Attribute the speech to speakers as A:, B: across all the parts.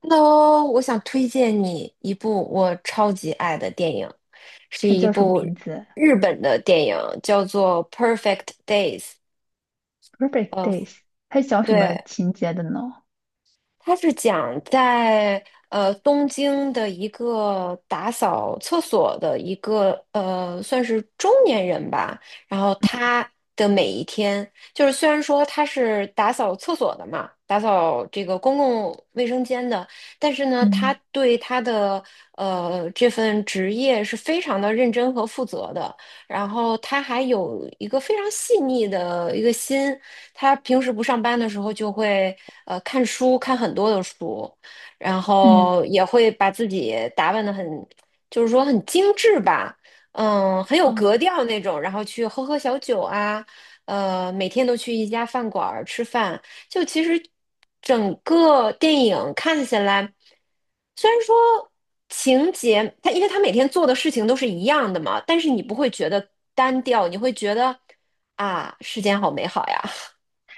A: 那我想推荐你一部我超级爱的电影，是
B: 它
A: 一
B: 叫什么
A: 部
B: 名字
A: 日本的电影，叫做《Perfect Days》。
B: ？Perfect
A: 呃，
B: Days。它讲什么
A: 对，
B: 情节的呢？
A: 他是讲在东京的一个打扫厕所的一个算是中年人吧，然后他的每一天，就是虽然说他是打扫厕所的嘛，打扫这个公共卫生间的，但是呢，他
B: 嗯
A: 对他的这份职业是非常的认真和负责的，然后他还有一个非常细腻的一个心。他平时不上班的时候就会看书，看很多的书，然
B: 嗯，
A: 后也会把自己打扮的很，就是说很精致吧，嗯，很有
B: 哦，
A: 格调那种，然后去喝喝小酒啊，每天都去一家饭馆儿吃饭，就其实整个电影看起来，虽然说情节，他因为他每天做的事情都是一样的嘛，但是你不会觉得单调，你会觉得啊，世间好美好呀。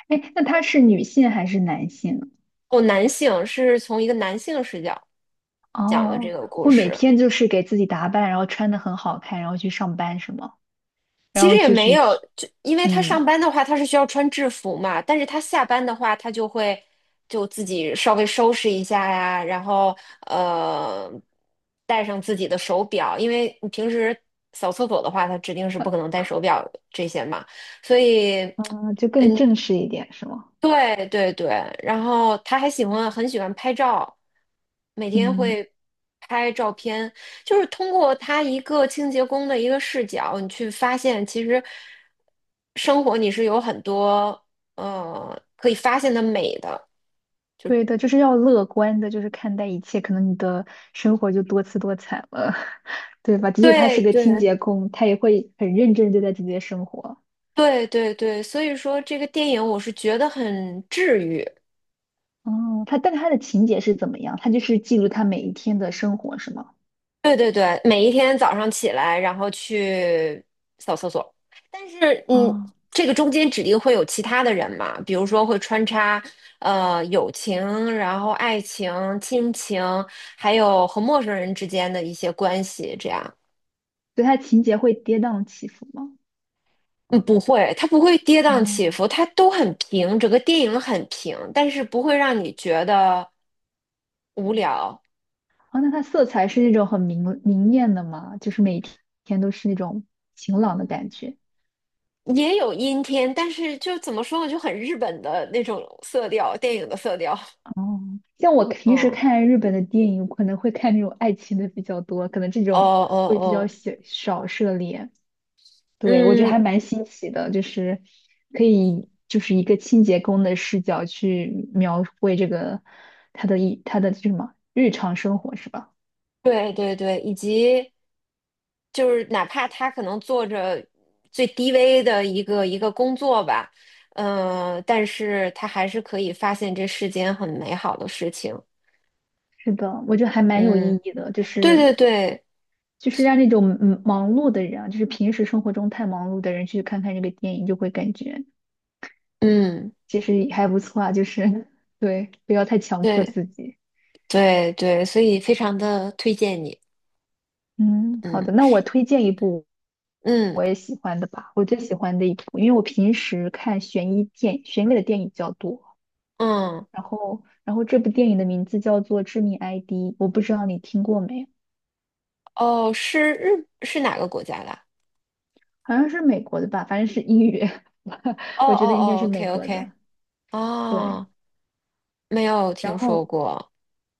B: 哎，那他是女性还是男性？
A: 哦，男性是从一个男性视角讲的这
B: 哦，
A: 个故
B: 我每
A: 事。
B: 天就是给自己打扮，然后穿的很好看，然后去上班是吗？然
A: 其实
B: 后
A: 也
B: 就
A: 没
B: 是
A: 有，
B: 去，
A: 就因为他上
B: 嗯
A: 班的话，他是需要穿制服嘛，但是他下班的话，他就会就自己稍微收拾一下呀，然后呃，戴上自己的手表，因为你平时扫厕所的话，他指定是
B: 呃
A: 不可能戴手表这些嘛，所以。
B: 嗯，就更正式一点是吗？
A: 对对对，然后他还喜欢拍照，每天
B: 嗯，
A: 会拍照片，就是通过他一个清洁工的一个视角，你去发现其实生活你是有很多可以发现的美的。
B: 对的，就是要乐观的，就是看待一切，可能你的生活就多姿多彩了，对吧？即使他
A: 对
B: 是个清
A: 对
B: 洁工，他也会很认真地对待自己的生活。
A: 对对对，所以说这个电影我是觉得很治愈。
B: 哦，但他的情节是怎么样？他就是记录他每一天的生活是吗？
A: 对对对，每一天早上起来，然后去扫厕所。但是，嗯，
B: 哦，
A: 这个中间指定会有其他的人嘛，比如说会穿插，呃，友情，然后爱情、亲情，还有和陌生人之间的一些关系，这样。
B: 所以他情节会跌宕起伏吗？
A: 嗯，不会，它不会跌宕起
B: 哦，
A: 伏，它都很平，整个电影很平，但是不会让你觉得无聊。
B: 哦，那它色彩是那种很明艳的吗？就是每一天都是那种晴朗的
A: 嗯，
B: 感觉。
A: 也有阴天，但是就怎么说呢，就很日本的那种色调，电影的色调。
B: 哦，像我
A: 嗯，
B: 平时
A: 哦
B: 看日本的电影，可能会看那种爱情的比较多，可能这
A: 哦
B: 种会比较
A: 哦，
B: 小少涉猎。对，我觉得
A: 嗯，
B: 还蛮新奇的，就是可以就是一个清洁工的视角去描绘这个他的这什么日常生活是吧？
A: 对对对，以及就是哪怕他可能做着最低微的一个工作吧，嗯，但是他还是可以发现这世间很美好的事情。
B: 是的，我觉得还蛮有
A: 嗯，
B: 意义的，就
A: 对
B: 是
A: 对对，
B: 就是让那种忙碌的人啊，就是平时生活中太忙碌的人去看看这个电影，就会感觉
A: 嗯，
B: 其实还不错啊，就是对，不要太强迫
A: 对
B: 自己。
A: 对对，所以非常的推荐你。
B: 嗯，好
A: 嗯
B: 的，那我推荐一部
A: 嗯
B: 我喜欢的吧，我最喜欢的一部，因为我平时看悬疑类的电影比较多。
A: 嗯，
B: 然后这部电影的名字叫做《致命 ID》，我不知道你听过没，
A: 哦，是哪个国家的？
B: 好像是美国的吧，反正是英语，
A: 哦
B: 我
A: 哦
B: 觉得应该
A: 哦
B: 是美
A: ，OK
B: 国
A: OK，
B: 的。对，
A: 哦，没有
B: 然
A: 听说
B: 后
A: 过。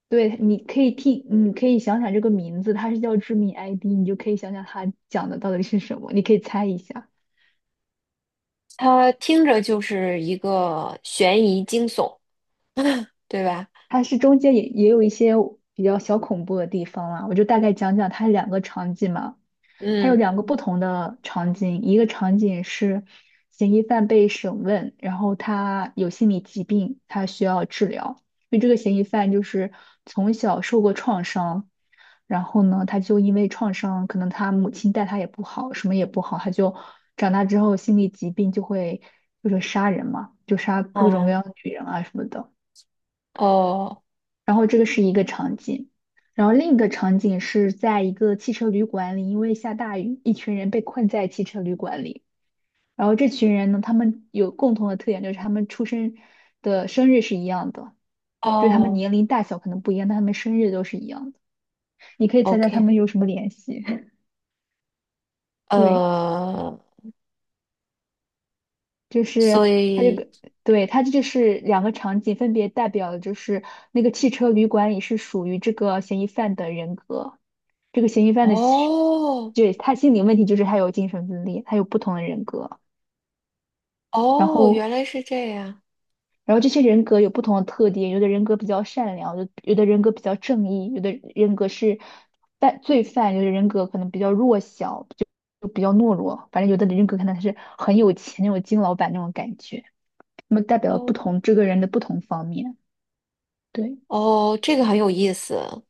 B: 对，你可以听，你可以想想这个名字，它是叫《致命 ID》，你就可以想想它讲的到底是什么，你可以猜一下。
A: 他听着就是一个悬疑惊悚，对吧？
B: 它是中间也有一些比较小恐怖的地方啦，我就大概讲讲它两个场景嘛。它有
A: 嗯，
B: 两个不同的场景，一个场景是嫌疑犯被审问，然后他有心理疾病，他需要治疗。因为这个嫌疑犯就是从小受过创伤，然后呢，他就因为创伤，可能他母亲待他也不好，什么也不好，他就长大之后心理疾病就会就是杀人嘛，就杀各种各
A: 哦
B: 样的女人啊什么的。
A: 哦
B: 然后这个是一个场景，然后另一个场景是在一个汽车旅馆里，因为下大雨，一群人被困在汽车旅馆里。然后这群人呢，他们有共同的特点，就是他们出生的生日是一样的，就是他们
A: 哦
B: 年龄大小可能不一样，但他们生日都是一样的。你可以猜猜他
A: ，OK，
B: 们有什么联系？对，
A: 呃，
B: 就
A: 所
B: 是它这
A: 以
B: 个，对，它这就是两个场景，分别代表的就是那个汽车旅馆里是属于这个嫌疑犯的人格。这个嫌疑犯的心，
A: 哦
B: 对，他心理问题就是他有精神分裂，他有不同的人格，然
A: 哦，原
B: 后，
A: 来是这样，
B: 然后这些人格有不同的特点，有的人格比较善良，有的人格比较正义，有的人格是犯罪犯，有的人格可能比较弱小，就比较懦弱，反正有的人格可能是很有钱那种金老板那种感觉，那么代表不
A: 哦
B: 同这个人的不同方面，对。
A: 哦，这个很有意思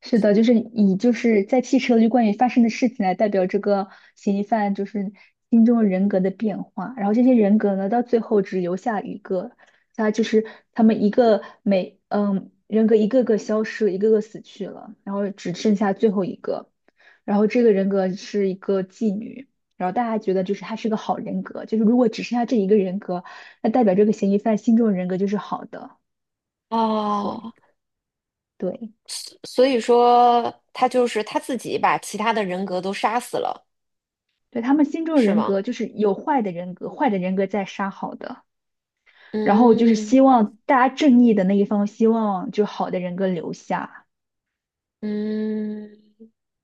B: 是的，就是以就是在汽车旅关于发生的事情来代表这个嫌疑犯就是心中人格的变化，然后这些人格呢，到最后只留下一个，他就是他们一个每人格一个个消失，一个个死去了，然后只剩下最后一个，然后这个人格是一个妓女，然后大家觉得就是她是个好人格，就是如果只剩下这一个人格，那代表这个嫌疑犯心中的人格就是好的，对
A: 哦，
B: 对。
A: 所以说他就是他自己把其他的人格都杀死了，
B: 对，他们心中的
A: 是
B: 人
A: 吗？
B: 格就是有坏的人格，坏的人格在杀好的，然后就是
A: 嗯
B: 希望大家正义的那一方，希望就好的人格留下。
A: 嗯。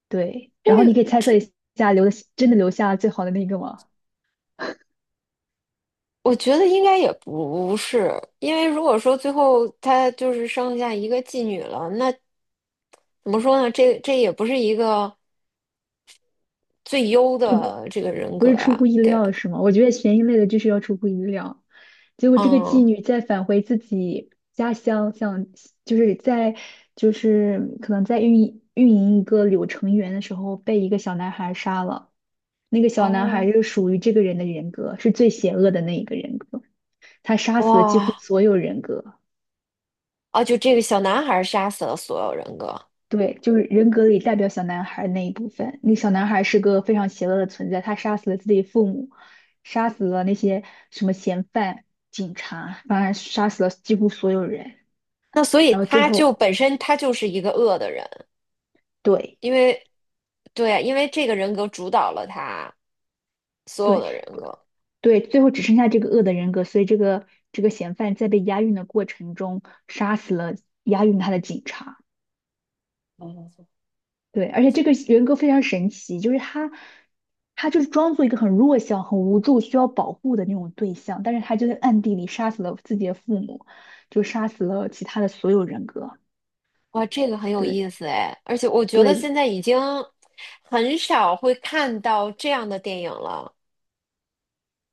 B: 对，然后你可以猜测一下，留的真的留下最好的那个吗？
A: 我觉得应该也不是，因为如果说最后他就是剩下一个妓女了，那怎么说呢？这也不是一个最优
B: 就
A: 的这个人
B: 不
A: 格
B: 是出乎
A: 呀。
B: 意
A: 对，
B: 料是吗？我觉得悬疑类的就是要出乎意料。结果这个妓
A: 嗯，
B: 女在返回自己家乡，想就是在就是可能在运营一个柳成园的时候，被一个小男孩杀了。那个小男
A: 哦，
B: 孩是属于这个人的人格，是最邪恶的那一个人格，他杀死了几乎
A: 哇，
B: 所有人格。
A: 啊，就这个小男孩杀死了所有人格，
B: 对，就是人格里代表小男孩那一部分。那小男孩是个非常邪恶的存在，他杀死了自己父母，杀死了那些什么嫌犯、警察，当然杀死了几乎所有人。
A: 那所以
B: 然后最
A: 他就
B: 后，
A: 本身他就是一个恶的人，
B: 对
A: 因为对啊，因为这个人格主导了他所有
B: 对
A: 的人格。
B: 对，最后只剩下这个恶的人格，所以这个嫌犯在被押运的过程中杀死了押运他的警察。对，而且这个人格非常神奇，就是他，他就是装作一个很弱小、很无助、需要保护的那种对象，但是他就在暗地里杀死了自己的父母，就杀死了其他的所有人格。
A: 哇，这个很有
B: 对
A: 意思哎，而且我觉得
B: 对，
A: 现在已经很少会看到这样的电影了，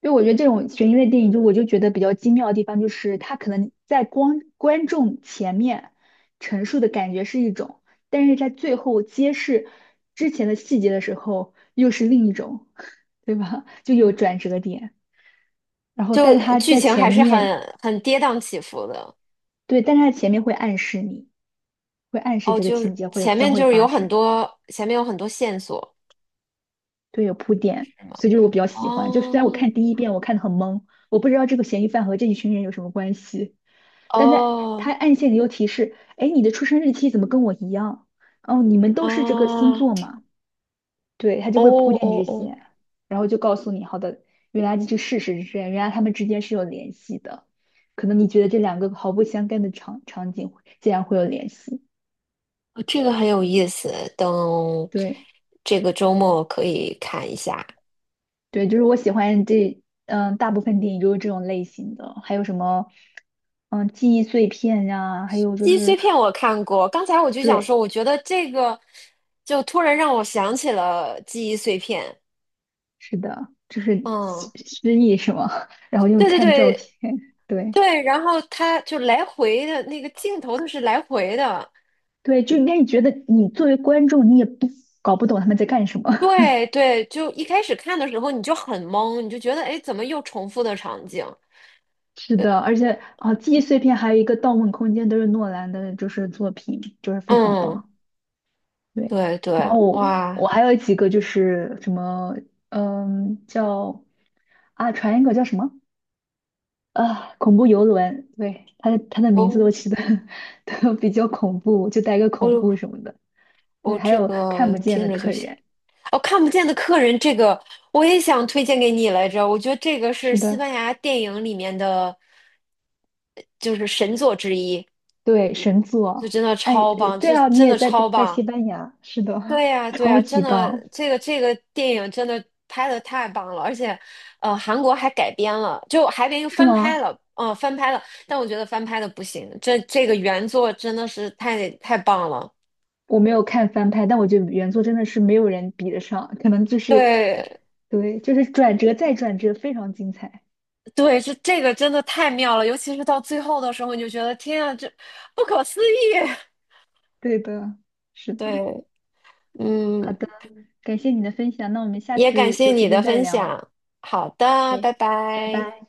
B: 就我觉得这种悬疑类电影，就我就觉得比较精妙的地方，就是他可能在光观众前面陈述的感觉是一种，但是在最后揭示之前的细节的时候，又是另一种，对吧？就有转
A: 嗯，
B: 折点。然后但
A: 就
B: 是他
A: 剧
B: 在
A: 情
B: 前
A: 还是
B: 面，
A: 很跌宕起伏的。
B: 对，但是他前面会暗示你，会暗示
A: 哦，
B: 这个
A: 就
B: 情
A: 是
B: 节会
A: 前
B: 将
A: 面
B: 会
A: 就是
B: 发
A: 有很
B: 生，
A: 多，前面有很多线索，
B: 对，有铺垫，
A: 是吗？
B: 所以就是我比较喜欢。就虽然我
A: 哦
B: 看第一遍我看的很懵，我不知道这个嫌疑犯和这一群人有什么关系，但在他
A: 哦
B: 暗线里又提示，哎，你的出生日期怎么跟我一样？哦，你们都是这个星座
A: 哦
B: 嘛？对，他就
A: 哦
B: 会铺垫
A: 哦
B: 这
A: 哦，
B: 些，然后就告诉你，好的，原来这事实是这样，原来他们之间是有联系的。可能你觉得这两个毫不相干的场景会竟然会有联系。
A: 哦这个很有意思，等
B: 对
A: 这个周末可以看一下。
B: 对，就是我喜欢这，嗯，大部分电影都是这种类型的，还有什么，嗯，记忆碎片呀、还有就
A: 记忆碎
B: 是，
A: 片我看过，刚才我就想说，
B: 对，
A: 我觉得这个就突然让我想起了记忆碎片。
B: 是的，就是失
A: 嗯，
B: 失忆是吗？然后又
A: 对对
B: 看照片，
A: 对
B: 对
A: 对，然后他就来回的那个镜头，它是来回的。
B: 对，就应该你觉得你作为观众，你也不搞不懂他们在干什么。
A: 对对，就一开始看的时候你就很懵，你就觉得哎，诶怎么又重复的场景？
B: 是
A: 呃
B: 的，而且啊，记忆碎片还有一个《盗梦空间》都是诺兰的，就是作品，就是非常
A: 嗯，
B: 棒。对，
A: 对
B: 然
A: 对，
B: 后我
A: 哇，
B: 我还有几个就是什么，嗯，叫啊，传一个叫什么啊，恐怖游轮，对，它的名字都
A: 哦
B: 起的 都比较恐怖，就带个恐
A: 哦
B: 怖什么的。对，
A: 哦，
B: 还
A: 这
B: 有看
A: 个
B: 不见
A: 听
B: 的
A: 着就
B: 客
A: 行。
B: 人，
A: 哦，看不见的客人这个我也想推荐给你来着，我觉得这个是
B: 是
A: 西班
B: 的，
A: 牙电影里面的，就是神作之一，
B: 对，神
A: 就
B: 作，
A: 真的
B: 哎，
A: 超棒，
B: 对
A: 这
B: 啊，你
A: 真
B: 也
A: 的
B: 在
A: 超
B: 在西
A: 棒。
B: 班牙，是的，
A: 对呀，对
B: 超
A: 呀，真
B: 级
A: 的，
B: 棒，
A: 这个这个电影真的拍的太棒了，而且，韩国还改编了，就还编又
B: 是
A: 翻拍
B: 吗？
A: 了，嗯、翻拍了，但我觉得翻拍的不行，这个原作真的是太棒了。
B: 我没有看翻拍，但我觉得原作真的是没有人比得上，可能就是，
A: 对，
B: 对，就是转折再转折，非常精彩。
A: 对，这个真的太妙了，尤其是到最后的时候，你就觉得天啊，这不可思议。
B: 对的，是 的，
A: 对，嗯，
B: 好的，感谢你的分享，那我们下
A: 也感
B: 次
A: 谢
B: 有
A: 你
B: 时
A: 的
B: 间再
A: 分
B: 聊。
A: 享。好的，拜
B: OK，拜
A: 拜。
B: 拜。